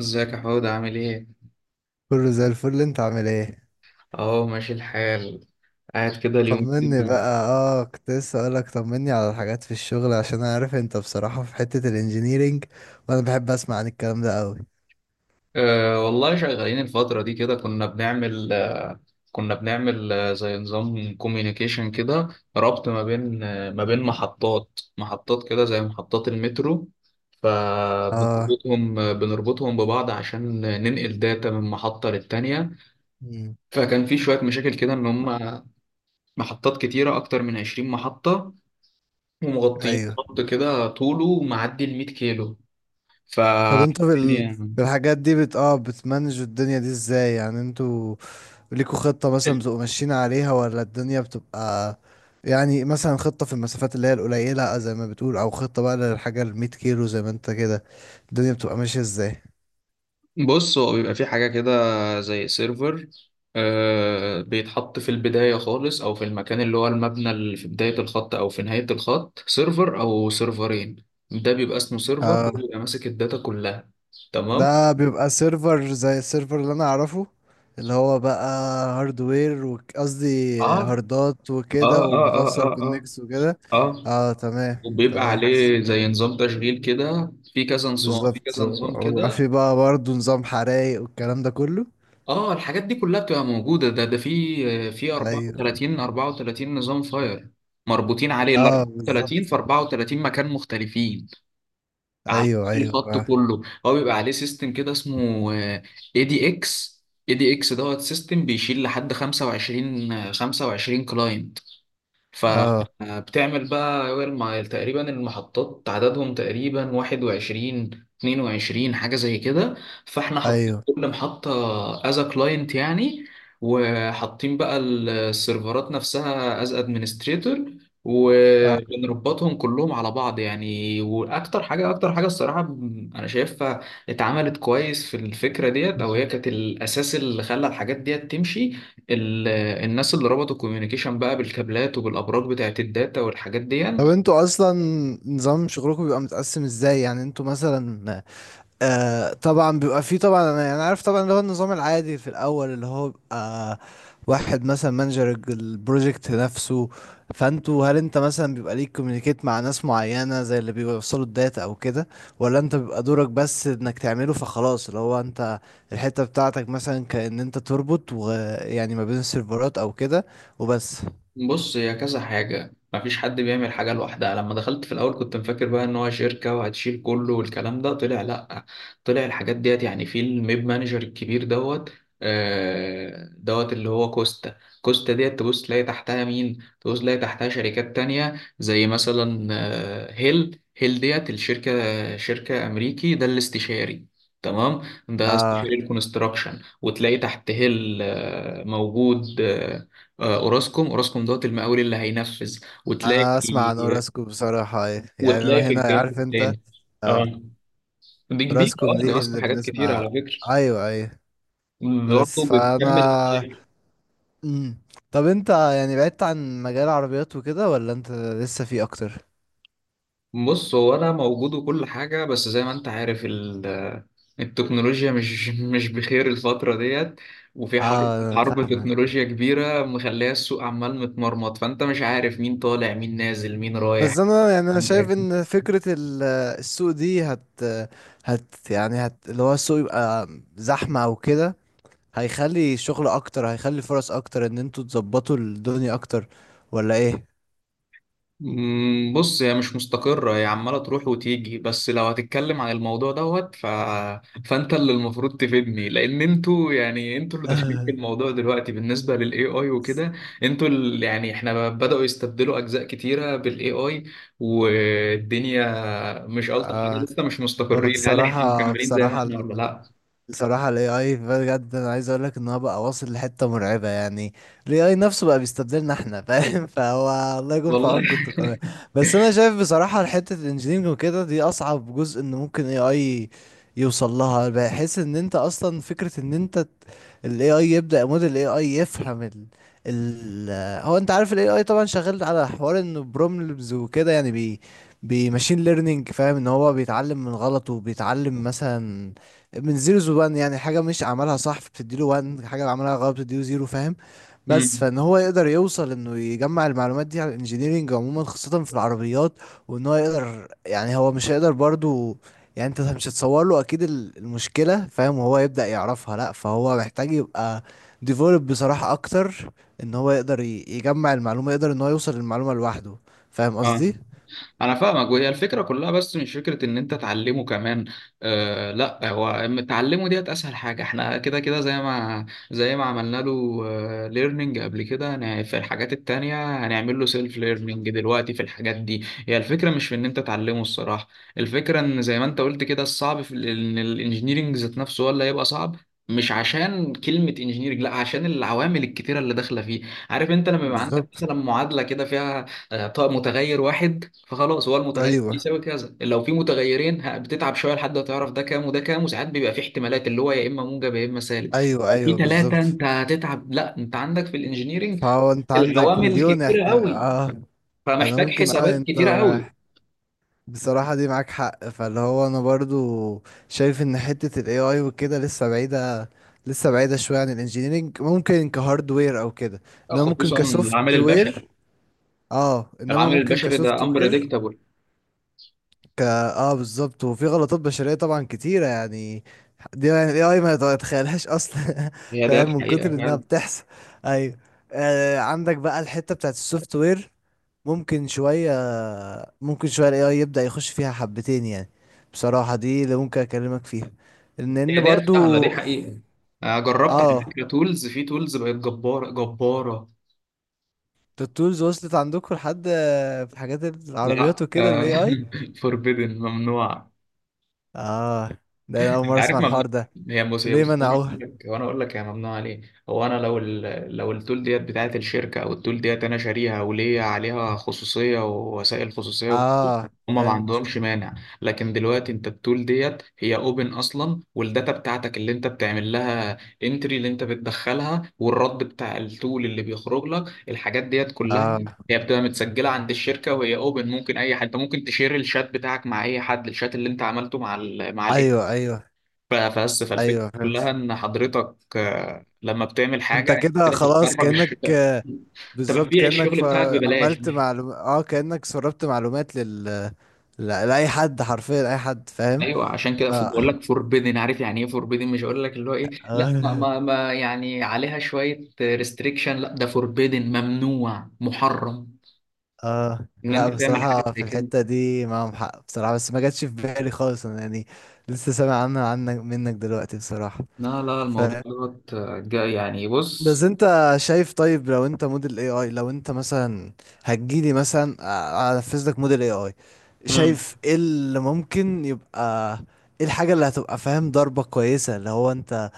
ازيك يا حود عامل ايه؟ كله زي الفل، انت عامل ايه؟ اهو ماشي الحال. قاعد كده اليومين طمني دول. بقى. اه، كنت لسه اقولك طمني على الحاجات في الشغل، عشان انا عارف انت بصراحة في حتة الانجينيرينج، وانا بحب اسمع عن الكلام ده قوي. والله شغالين الفترة دي كده، كنا بنعمل زي نظام كوميونيكيشن كده. ربط ما بين ما بين محطات كده زي محطات المترو. اه. فبنربطهم آه، بنربطهم ببعض عشان ننقل داتا من محطة للتانية. مم. فكان في شوية مشاكل كده، ان هم محطات كتيرة اكتر من 20 محطة، ومغطيين ايوه. خط كده طوله معدي ال 100 كيلو. ف طب انتوا في يعني. في الحاجات دي بت اه بتمانجوا الدنيا دي ازاي؟ يعني انتوا ليكوا خطة مثلا بتبقوا ماشيين عليها، ولا الدنيا بتبقى؟ يعني مثلا خطة في المسافات اللي هي القليلة، آه، زي ما بتقول، او خطة بقى للحاجة المية كيلو زي ما انت كده. الدنيا بتبقى ماشية ازاي؟ بص، هو بيبقى فيه حاجة كده زي سيرفر، بيتحط في البداية خالص أو في المكان اللي هو المبنى اللي في بداية الخط أو في نهاية الخط، سيرفر أو سيرفرين. ده بيبقى اسمه سيرفر، ده آه. بيبقى ماسك الداتا كلها. تمام؟ ده بيبقى سيرفر زي السيرفر اللي انا اعرفه، اللي هو بقى هاردوير قصدي اه، هاردات اه، وكده، اه، اه، ومتوصل اه، اه، كونكس وكده. اه. اه تمام. وبيبقى تمام عليه زي نظام تشغيل كده، في كذا نظام في بالظبط، كذا نظام وبيبقى كده. في بقى برضه نظام حرايق والكلام ده كله. اه، الحاجات دي كلها بتبقى موجودة، ده في ايوه، 34 نظام فاير مربوطين عليه، ال اه 34 بالظبط. في 34 مكان مختلفين على ايوه كل ايوه خط. اه، كله هو بيبقى عليه سيستم كده اسمه اي دي اكس اي دي اكس دوت سيستم بيشيل لحد 25 كلاين. آه، فبتعمل بقى، ما تقريبا المحطات عددهم تقريبا 21، 22 حاجة زي كده. فاحنا حاطين ايوه كل محطة از ا كلاينت يعني. وحاطين بقى السيرفرات نفسها از ادمنستريتور. اه. وبنربطهم كلهم على بعض يعني. واكتر حاجه اكتر حاجه الصراحه، انا شايفها اتعملت كويس في الفكره ديت، او هي مم. كانت الاساس اللي خلى الحاجات ديت تمشي. ال- الناس اللي ربطوا الكوميونيكيشن بقى بالكابلات وبالابراج بتاعت الداتا والحاجات دي طب يعني. انتوا اصلا نظام شغلكم بيبقى متقسم ازاي؟ يعني انتوا مثلا، آه، طبعا بيبقى فيه، طبعا انا يعني عارف، طبعا اللي هو النظام العادي في الاول اللي هو بيبقى واحد مثلا مانجر البروجكت نفسه. فانتوا هل انت مثلا بيبقى ليك كوميونيكيت مع ناس معينة زي اللي بيوصلوا الداتا او كده؟ ولا انت بيبقى دورك بس انك تعمله فخلاص، اللي هو انت الحتة بتاعتك مثلا، كأن انت تربط، ويعني ما بين السيرفرات او كده، وبس؟ بص، هي كذا حاجة، مفيش حد بيعمل حاجة لوحدها. لما دخلت في الأول كنت مفكر بقى إن هو شركة وهتشيل كله، والكلام ده طلع لأ. طلع الحاجات ديت يعني في الميب مانجر الكبير دوت. دوت اللي هو كوستا. كوستا ديت تبص تلاقي تحتها مين، تبص تلاقي تحتها شركات تانية زي مثلا هيل. هيل ديت الشركة، شركة أمريكي، ده الاستشاري. تمام. ده استشاري آه، الكونستراكشن، وتلاقي تحت هيل موجود اوراسكوم دوت المقاول اللي هينفذ. وتلاقي انا اسمع عن اوراسكو بصراحة يعني. انا في هنا الجنب عارف انت. التاني. اه، آه. دي كبيرة، راسكوم دي دي ماسكة اللي حاجات كتير بنسمع. على فكرة. ايوه ايوه، برضه بس بتكمل فانا. الشغل. مم. طب انت يعني بعدت عن مجال العربيات وكده، ولا انت لسه فيه اكتر؟ بص، هو انا موجود وكل حاجة. بس زي ما انت عارف التكنولوجيا مش مش بخير الفترة ديت. وفي حرب اه انا حرب فاهمك. تكنولوجيا كبيرة مخليها السوق عمال متمرمط، فانت مش عارف مين طالع، مين نازل، مين رايح. بس انا يعني انا شايف ان فكرة السوق دي هت، اللي هو السوق يبقى زحمة او كده، هيخلي شغل اكتر، هيخلي فرص اكتر، ان انتوا تظبطوا الدنيا اكتر، ولا ايه؟ بص، هي مش مستقرة، هي عمالة تروح وتيجي. بس لو هتتكلم عن الموضوع دوت فأنت اللي المفروض تفيدني، لأن أنتوا يعني، أنتوا اللي داخلين في الموضوع دلوقتي بالنسبة لل AI وكده. أنتوا اللي يعني إحنا بدأوا يستبدلوا أجزاء كتيرة بال AI، والدنيا مش ألطف حاجة، اه. لسه مش هو مستقرين. هل إحنا بصراحة، مكملين زي ما بصراحة إحنا ولا لأ؟ بصراحة ال AI بجد، أنا عايز أقولك إن هو بقى واصل لحتة مرعبة يعني. ال AI نفسه بقى بيستبدلنا إحنا، فاهم؟ فهو الله يكون في والله. عونكم أنتوا كمان. بس أنا شايف بصراحة حتة ال engineering وكده دي أصعب جزء إن ممكن AI يوصل لها. بحيث إن أنت أصلا فكرة إن أنت ال AI يبدأ، موديل AI يفهم ال ال هو، أنت عارف ال AI طبعا شغال على حوار إنه بروبلمز وكده، يعني بماشين ليرنينج، فاهم ان هو بيتعلم من غلطه، وبيتعلم مثلا من زيرو وان، يعني حاجة مش عملها صح بتديله وان، حاجة عملها غلط بتديله زيرو، فاهم؟ بس مم. فان هو يقدر يوصل انه يجمع المعلومات دي على الانجينيرينج عموما، خاصة في العربيات. وان هو يقدر، يعني هو مش هيقدر برضو يعني، انت مش هتصور له اكيد المشكلة فاهم، وهو يبدأ يعرفها، لا، فهو محتاج يبقى ديفولب بصراحة اكتر، ان هو يقدر يجمع المعلومة، يقدر ان هو يوصل للمعلومة لوحده. فاهم آه، قصدي؟ انا فاهمك، وهي الفكره كلها، بس مش فكره ان انت تعلمه كمان. آه، لا، هو تعلمه ديت اسهل حاجه، احنا كده كده زي ما عملنا له ليرنينج قبل كده. في الحاجات التانية هنعمل له سيلف ليرنينج دلوقتي. في الحاجات دي، هي الفكره مش في ان انت تعلمه الصراحه. الفكره ان زي ما انت قلت كده، الصعب في ان الانجينيرنج ذات نفسه هو اللي هيبقى صعب. مش عشان كلمة انجينيرنج، لا، عشان العوامل الكتيرة اللي داخلة فيه. عارف انت لما يبقى عندك بالظبط. مثلا معادلة كده فيها طيب متغير واحد، فخلاص هو المتغير ايوه بيساوي كذا. لو في متغيرين بتتعب شويه لحد ما تعرف ده كام وده كام، وساعات بيبقى في احتمالات اللي هو يا اما موجب يا اما سالب. ايوه، لو في ايوه ثلاثه بالظبط. انت هتتعب. لا، انت عندك في الانجينيرينج فهو انت عندك العوامل مليون كتيره احت... قوي، اه انا فمحتاج ممكن، حسابات انت كتيره قوي. بصراحة دي معاك حق. فاللي هو انا برضو شايف ان حتة ال AI وكده لسه بعيدة، شوية عن الانجينيرينج، ممكن كهاردوير او كده، انما ممكن خصوصا العامل كسوفت البشري. وير. اه انما العامل ممكن البشري كسوفت ده وير. امبريدكتابل. بالظبط، وفي غلطات بشرية طبعا كتيرة يعني. دي يعني الاي اي ما يتخيلهاش اصلا هي ديت فاهم، من كتر حقيقه انها فعلا. بتحصل. ايوه. آه عندك بقى الحتة بتاعت السوفت وير، ممكن شوية ممكن شوية الاي اي يبدأ يخش فيها حبتين يعني. بصراحة دي اللي ممكن اكلمك فيها، ان هي ان ديت سهله، برضو. دي حقيقه. جربت على اه فكره تولز، في تولز بقت جباره جباره. التولز وصلت عندكم لحد، آه، في حاجات لا، العربيات وكده الاي اي؟ فوربيدن ممنوع. اه ده انا اول انت مرة عارف اسمع ممنوع. الحوار ده. هي بص، ليه منعوه؟ وانا اقول لك هي ممنوع عليه. هو انا لو لو التول ديت بتاعت الشركه، او التول ديت انا شاريها وليا عليها خصوصيه ووسائل خصوصيه وكده، اه هما ما فهمت. عندهمش مانع. لكن دلوقتي، انت التول ديت هي اوبن اصلا، والداتا بتاعتك اللي انت بتعمل لها، انتري اللي انت بتدخلها، والرد بتاع التول اللي بيخرج لك الحاجات ديت كلها، اه. هي بتبقى متسجله عند الشركه وهي اوبن. ممكن اي حد، انت ممكن تشير الشات بتاعك مع اي حد، الشات اللي انت عملته مع ال ايوه ايوه، فبس، ايوه فالفكرة كلها فهمت. إن حضرتك لما بتعمل انت حاجة أنت كده كده خلاص بتخرج الشغل. كأنك، آه، أنت بالظبط بتبيع كأنك الشغل بتاعك ببلاش. عملت معلوم، كأنك سربت معلومات لأي حد، حرفيا أي حد، فاهم؟ أيوه، عشان كده ف... بقول لك فوربيدن. عارف يعني إيه فوربيدن؟ مش هقول لك اللي هو إيه، لا، ما, اه. ما, ما يعني عليها شوية ريستريكشن، لا، ده فوربيدن، ممنوع، محرم، اه إن لا أنت تعمل حاجة بصراحة زي في كده. الحتة دي معاهم حق بصراحة، بس ما جاتش في بالي خالص انا يعني. لسه سامع عنها، عنك، منك دلوقتي بصراحة. لا، لا، الموضوع دوت يعني بس بص. انت شايف، طيب لو انت موديل اي اي، لو انت مثلا هتجيلي مثلا انفذ لك موديل اي اي، مم. شايف ايه اللي ممكن يبقى؟ ايه الحاجة اللي هتبقى فاهم ضربة كويسة اللي هو انت،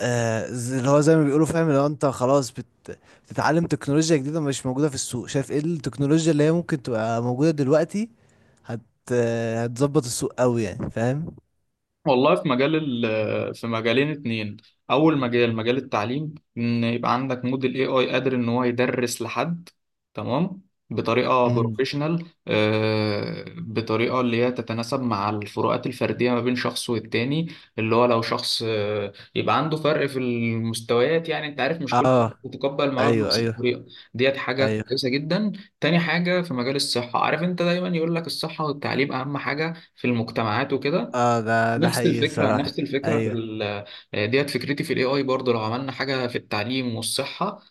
آه، اللي هو زي ما بيقولوا فاهم، اللي هو انت خلاص بتتعلم تكنولوجيا جديدة مش موجودة في السوق. شايف ايه التكنولوجيا اللي هي ممكن تبقى موجودة دلوقتي، هت آه، هتظبط السوق قوي يعني، فاهم؟ والله، في مجال في مجالين اتنين. اول مجال التعليم، ان يبقى عندك موديل اي اي قادر ان هو يدرس لحد. تمام. بطريقه امم. بروفيشنال، بطريقه اللي هي تتناسب مع الفروقات الفرديه ما بين شخص والتاني. اللي هو لو شخص يبقى عنده فرق في المستويات، يعني انت عارف، مش كل اه. بتتقبل المرض ايوه بنفس ايوه، الطريقه. ديت حاجه ايوه كويسه جدا. تاني حاجه في مجال الصحه. عارف انت دايما يقول لك الصحه والتعليم اهم حاجه في المجتمعات وكده. اه. ده حقيقي الصراحة. نفس الفكرة في ايوه. ال. ديت فكرتي في الاي اي برضه. لو عملنا حاجة في التعليم والصحة،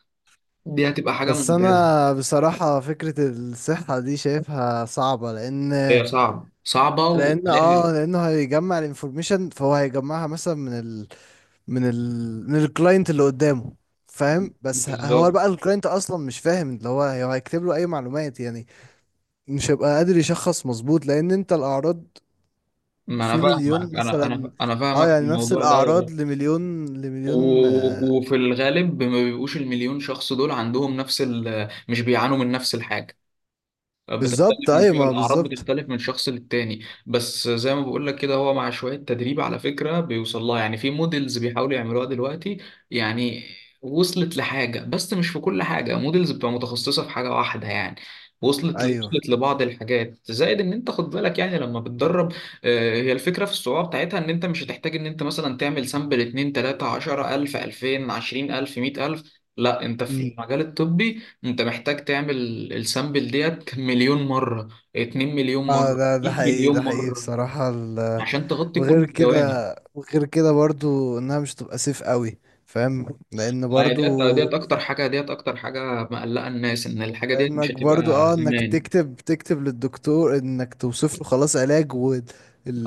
دي هتبقى حاجة بس ممتازة. انا بصراحة فكرة الصحة دي شايفها صعبة لان، هي صعبة صعبة وتلاقي. لانه هيجمع الانفورميشن، فهو هيجمعها مثلا من الكلاينت اللي قدامه، فاهم، بس هو بالظبط. بقى الكلاينت اصلا مش فاهم اللي هو هو هيكتب له اي معلومات يعني، مش هيبقى قادر يشخص مظبوط، لان انت الاعراض ما انا في مليون فاهمك، مثلا، انا اه فاهمك في يعني نفس الموضوع ده الاعراض لمليون، آه، وفي الغالب ما بيبقوش المليون شخص دول عندهم نفس ال، مش بيعانوا من نفس الحاجة. بالظبط بتختلف من ايوه، شغل، ما الأعراض بالظبط. بتختلف من شخص للتاني. بس زي ما بقول لك كده، هو مع شوية تدريب على فكرة بيوصل لها، يعني في موديلز بيحاولوا يعملوها دلوقتي. يعني وصلت لحاجة، بس مش في كل حاجة، موديلز بتبقى متخصصة في حاجة واحدة يعني. ايوه. وصلت لبعض الحاجات. زائد ان انت خد بالك يعني لما بتدرب، هي الفكرة في الصعوبة بتاعتها ان انت مش هتحتاج ان انت مثلا تعمل سامبل 2، 3، 10، 1000، 2000، 20,000، 100,000. لا، انت في مم. المجال الطبي انت محتاج تعمل السامبل ديت مليون مرة، اتنين مليون اه مرة، ده مية حقيقي، ده مليون حقيقي مرة، بصراحة. عشان تغطي كل وغير كده، الجوانب. وغير كده برضو انها مش تبقى سيف قوي، فاهم، لان ما هي برضو، ديت اكتر حاجة مقلقة الناس، ان الحاجة ديت مش لانك هتبقى برضو، اه، انك امان. تكتب، تكتب للدكتور انك توصف له خلاص علاج،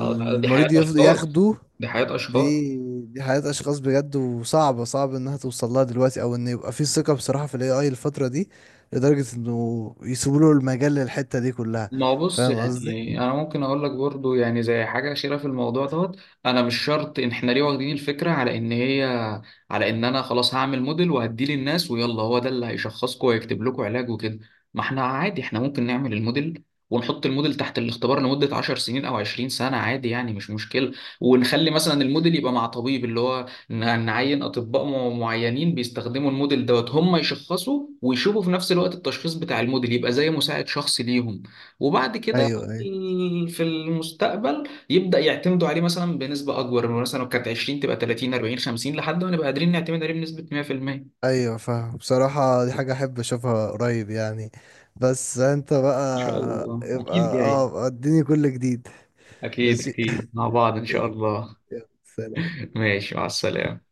اه، دي حياة يفضل اشخاص. ياخده. دي حياة اشخاص. دي دي حياة اشخاص بجد، وصعبة، صعب انها توصل لها دلوقتي، او ان يبقى في ثقة بصراحة في الاي اي الفترة دي، لدرجة انه يسيبوا له المجال للحتة دي كلها. ما هو بص، فاهم قصدي؟ يعني انا ممكن اقول لك برضو يعني زي حاجه اخيره في الموضوع دوت. انا مش شرط ان احنا ليه واخدين الفكره على ان هي، على ان انا خلاص هعمل موديل وهديه للناس، ويلا هو ده اللي هيشخصكم ويكتب لكم علاج وكده. ما احنا عادي، احنا ممكن نعمل الموديل، ونحط الموديل تحت الاختبار لمده 10 سنين او 20 سنه، عادي يعني مش مشكله. ونخلي مثلا الموديل يبقى مع طبيب، اللي هو نعين اطباء معينين بيستخدموا الموديل دوت، هم يشخصوا ويشوفوا، في نفس الوقت التشخيص بتاع الموديل يبقى زي مساعد شخصي ليهم. وبعد كده ايوه ايوه، في المستقبل يبدأ يعتمدوا عليه مثلا بنسبة أكبر، من مثلا لو كانت 20 تبقى 30، 40، 50، لحد ما نبقى قادرين نعتمد عليه بنسبة 100%. ايوه فاهم بصراحة. دي حاجة احب اشوفها قريب يعني. بس انت بقى إن شاء الله أكيد ابقى، جاي. اه، اديني كل جديد. أكيد ماشي. أكيد مع بعض إن شاء يلا. الله. يلا سلام. ماشي، مع السلامة.